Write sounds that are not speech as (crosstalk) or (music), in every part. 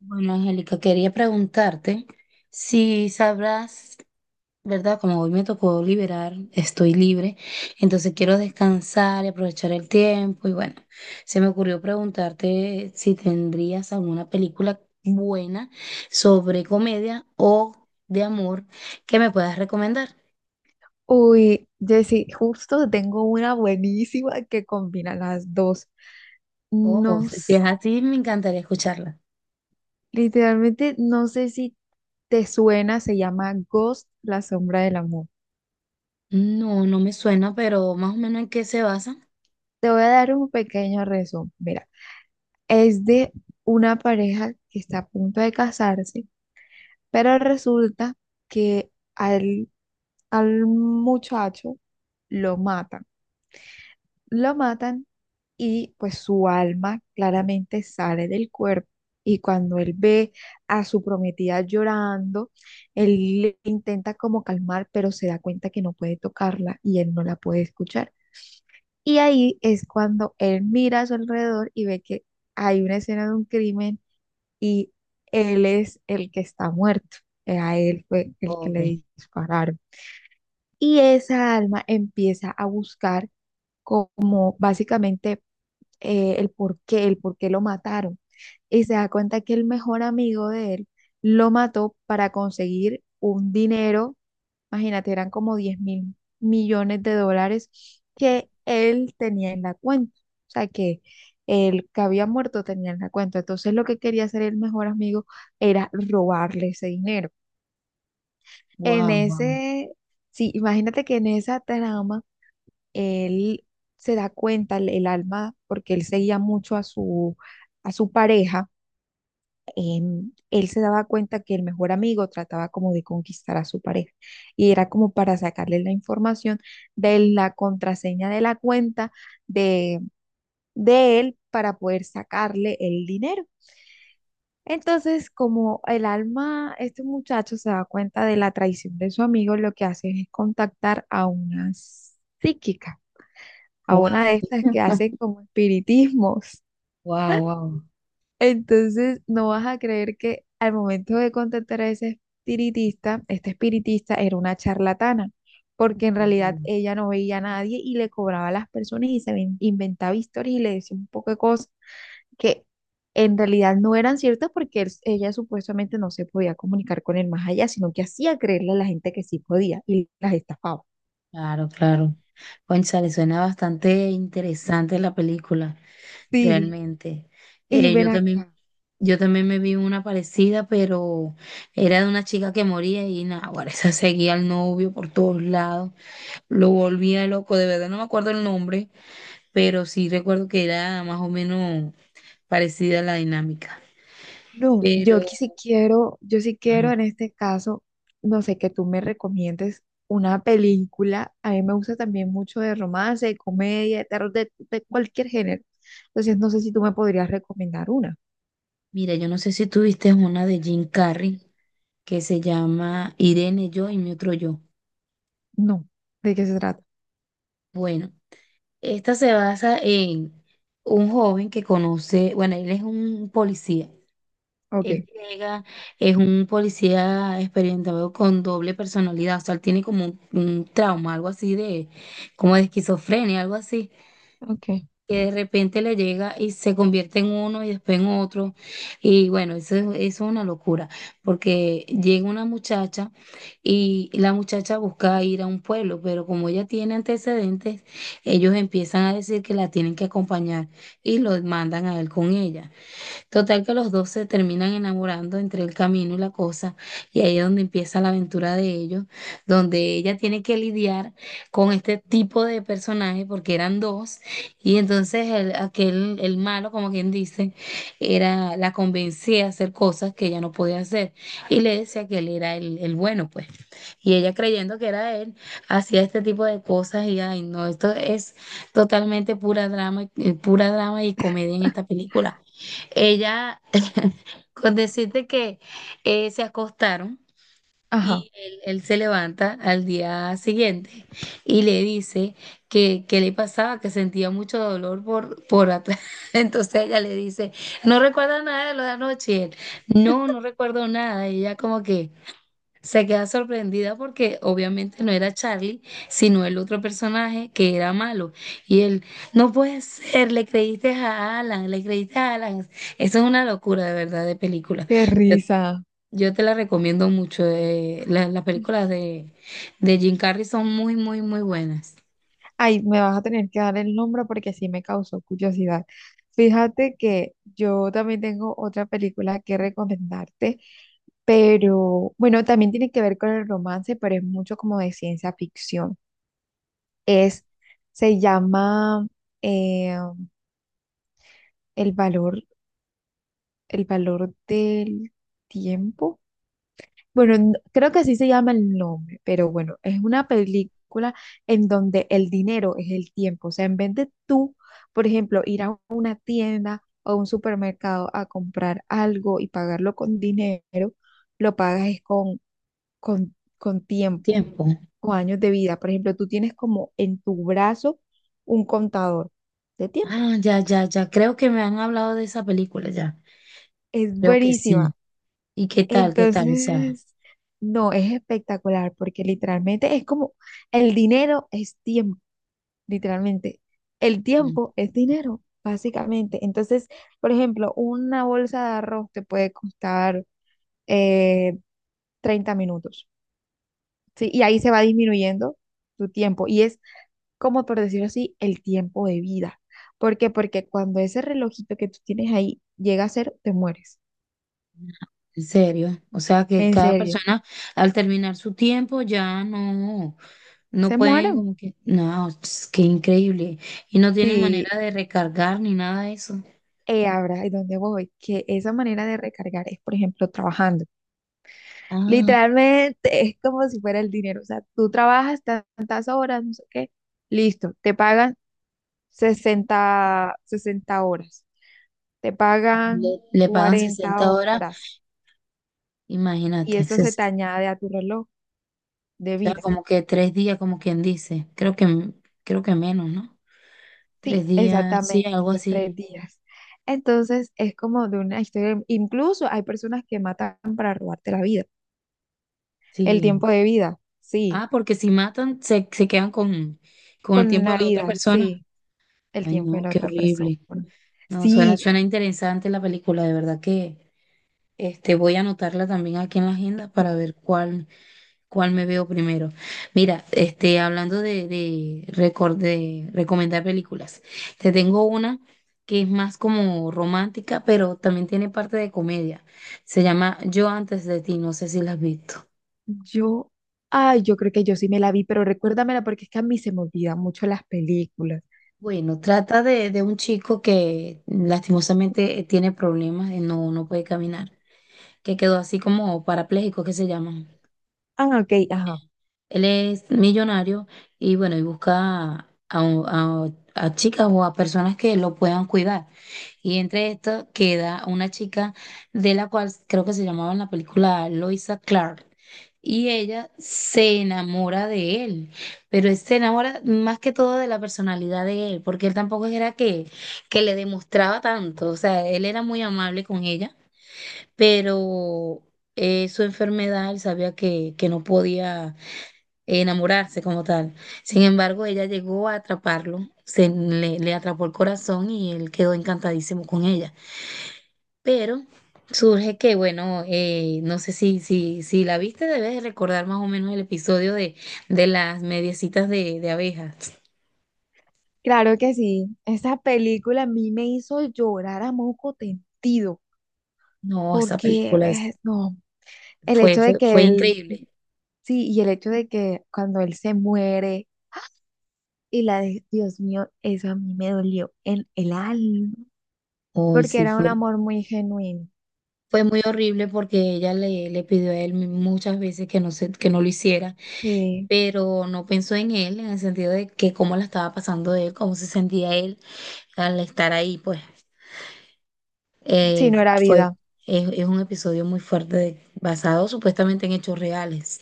Bueno, Angélica, quería preguntarte si sabrás, ¿verdad? Como hoy me tocó liberar, estoy libre, entonces quiero descansar y aprovechar el tiempo. Y bueno, se me ocurrió preguntarte si tendrías alguna película buena sobre comedia o de amor que me puedas recomendar. Uy, Jessy, justo tengo una buenísima que combina las dos. Oh, No, si es así, me encantaría escucharla. literalmente no sé si te suena, se llama Ghost, la sombra del amor. No, no me suena, pero más o menos en qué se basa. Te voy a dar un pequeño resumen. Mira, es de una pareja que está a punto de casarse, pero resulta que al muchacho lo matan. Lo matan y pues su alma claramente sale del cuerpo. Y cuando él ve a su prometida llorando, él le intenta como calmar, pero se da cuenta que no puede tocarla y él no la puede escuchar. Y ahí es cuando él mira a su alrededor y ve que hay una escena de un crimen y él es el que está muerto. A él fue el que Pobre. le dispararon. Y esa alma empieza a buscar, como básicamente el por qué lo mataron. Y se da cuenta que el mejor amigo de él lo mató para conseguir un dinero. Imagínate, eran como 10.000 millones de dólares que él tenía en la cuenta. O sea, que el que había muerto tenía en la cuenta. Entonces, lo que quería hacer el mejor amigo era robarle ese dinero. En Wow, wow, ese, sí, imagínate que en esa trama él se da cuenta, el alma, porque él seguía mucho a su, pareja. Em, él se daba cuenta que el mejor amigo trataba como de conquistar a su pareja y era como para sacarle la información de la contraseña de la cuenta de, de él, para poder sacarle el dinero. Entonces, como el alma, este muchacho se da cuenta de la traición de su amigo. Lo que hace es contactar a una psíquica, a una wow, de estas que hacen como espiritismos. wow, wow. (laughs) Entonces, no vas a creer que al momento de contactar a ese espiritista, este espiritista era una charlatana, porque en realidad Mm. ella no veía a nadie y le cobraba a las personas, y inventaba historias y le decía un poco de cosas que en realidad no eran ciertas, porque ella supuestamente no se podía comunicar con el más allá, sino que hacía creerle a la gente que sí podía y las estafaba. Claro, claro. Cónchale, suena bastante interesante la película, Sí, realmente. y Eh, ven yo también, acá. yo también me vi una parecida, pero era de una chica que moría y nada, ahora (laughs) esa seguía al novio por todos lados, lo volvía loco, de verdad no me acuerdo el nombre, pero sí recuerdo que era más o menos parecida a la dinámica. No, Pero, yo sí quiero, ajá, en este caso, no sé, que tú me recomiendes una película. A mí me gusta también mucho, de romance, de comedia, de terror, de cualquier género. Entonces, no sé si tú me podrías recomendar una. mira, yo no sé si tú viste una de Jim Carrey que se llama Irene, yo y mi otro yo. No, ¿de qué se trata? Bueno, esta se basa en un joven que conoce, bueno, él es un policía. Ok. Él llega, es un policía experimentado con doble personalidad, o sea, él tiene como un trauma, algo así de, como de esquizofrenia, algo así. Ok. Que de repente le llega y se convierte en uno y después en otro. Y bueno, eso, eso es una locura, porque llega una muchacha y la muchacha busca ir a un pueblo, pero como ella tiene antecedentes, ellos empiezan a decir que la tienen que acompañar y lo mandan a él con ella. Total que los dos se terminan enamorando entre el camino y la cosa, y ahí es donde empieza la aventura de ellos, donde ella tiene que lidiar con este tipo de personajes, porque eran dos, y entonces el, aquel, el malo, como quien dice, era, la convencía a hacer cosas que ella no podía hacer, y le decía que él era el bueno, pues. Y ella creyendo que era él, hacía este tipo de cosas, y ay, no, esto es totalmente pura drama y comedia en esta película. Ella, (laughs) con decirte que se acostaron Ajá, y él se levanta al día siguiente y le dice que le pasaba, que sentía mucho dolor por atrás. (laughs) Entonces ella le dice, no recuerda nada de lo de anoche. Y él, no, no recuerdo nada. Y ella como que, se queda sorprendida porque obviamente no era Charlie, sino el otro personaje que era malo. Y él, no puede ser, le creíste a Alan, le creíste a Alan. Eso es una locura de verdad de película. qué Yo, risa. yo te la recomiendo mucho. Las películas de Jim Carrey son muy, muy, muy buenas. Ay, me vas a tener que dar el nombre porque sí me causó curiosidad. Fíjate que yo también tengo otra película que recomendarte. Pero bueno, también tiene que ver con el romance, pero es mucho como de ciencia ficción. Es, Se llama eh, El valor, el valor del tiempo. Bueno, creo que así se llama el nombre, pero bueno, es una película en donde el dinero es el tiempo. O sea, en vez de tú, por ejemplo, ir a una tienda o a un supermercado a comprar algo y pagarlo con dinero, lo pagas es con tiempo. Tiempo. O años de vida. Por ejemplo, tú tienes como en tu brazo un contador de tiempo. Ah, ya, ya, ya. Creo que me han hablado de esa película ya. Es Creo que sí. buenísima. ¿Y qué tal? ¿Qué tal? O sea. Entonces, no, es espectacular porque literalmente es como, el dinero es tiempo, literalmente. El Mm. tiempo es dinero, básicamente. Entonces, por ejemplo, una bolsa de arroz te puede costar eh, 30 minutos, ¿sí? Y ahí se va disminuyendo tu tiempo. Y es, como por decirlo así, el tiempo de vida. ¿Por qué? Porque cuando ese relojito que tú tienes ahí llega a cero, te mueres. En serio, o sea que En cada serio, persona al terminar su tiempo ya no, no se pueden mueren. como que, no, es que increíble. Y no tienen Sí, manera de recargar ni nada de eso. Ahora, ¿y dónde voy? Que esa manera de recargar es, por ejemplo, trabajando. Ah, Literalmente es como si fuera el dinero. O sea, tú trabajas tantas horas, no sé qué, listo, te pagan sesenta horas, te le, pagan le pagan cuarenta 60 horas, horas y imagínate, eso se te añade a tu reloj o de sea, vida. como que tres días, como quien dice, creo que menos, ¿no? Sí, Tres días, sí, exactamente, algo tres así, días. Entonces es como de una historia, incluso hay personas que matan para robarte la vida, el sí. tiempo de vida, sí, Ah, porque si matan, se quedan con el con tiempo de la la otra vida, persona. sí, el Ay, tiempo de no, la qué otra persona. horrible. No, suena, Sí, suena interesante la película, de verdad que voy a anotarla también aquí en la agenda para ver cuál me veo primero. Mira, hablando de recomendar películas, te tengo una que es más como romántica, pero también tiene parte de comedia. Se llama Yo antes de ti, no sé si la has visto. yo, ay, yo creo que yo sí me la vi, pero recuérdamela porque es que a mí se me olvidan mucho las películas. Bueno, trata de un chico que lastimosamente tiene problemas, no, no puede caminar, que quedó así como parapléjico, que se llaman. Ah, ok, ajá, Él es millonario y bueno, y busca a chicas o a personas que lo puedan cuidar. Y entre esto queda una chica de la cual creo que se llamaba en la película Loisa Clark. Y ella se enamora de él, pero se enamora más que todo de la personalidad de él, porque él tampoco era que le demostraba tanto, o sea, él era muy amable con ella, pero su enfermedad, él sabía que no podía enamorarse como tal. Sin embargo, ella llegó a atraparlo, se le atrapó el corazón y él quedó encantadísimo con ella. Pero surge que, bueno, no sé si la viste, debes de recordar más o menos el episodio de las mediecitas de abejas. claro que sí, esa película a mí me hizo llorar a moco tendido, No, esta porque, película es- no, el fue, hecho de fue, que fue él. increíble. Sí, y el hecho de que cuando él se muere, y la, de Dios mío, eso a mí me dolió en el alma, Hoy porque sí, era un fue, amor muy genuino. fue muy horrible porque ella le pidió a él muchas veces que no lo hiciera Sí, pero no pensó en él, en el sentido de que cómo la estaba pasando él, cómo se sentía él al estar ahí, pues sí, eh, no era fue, vida. es un episodio muy fuerte basado supuestamente en hechos reales.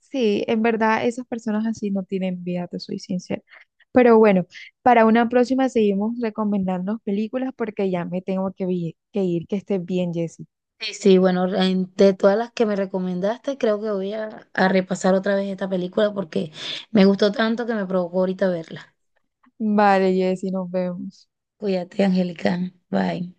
Sí, en verdad esas personas así no tienen vida, te soy sincera. Pero bueno, para una próxima seguimos recomendando películas porque ya me tengo que, que ir, que estés bien, Jessy. Sí, sí, bueno, de todas las que me recomendaste, creo que voy a repasar otra vez esta película porque me gustó tanto que me provocó ahorita verla. Vale, Jessy, nos vemos. Cuídate, Angélica. Bye.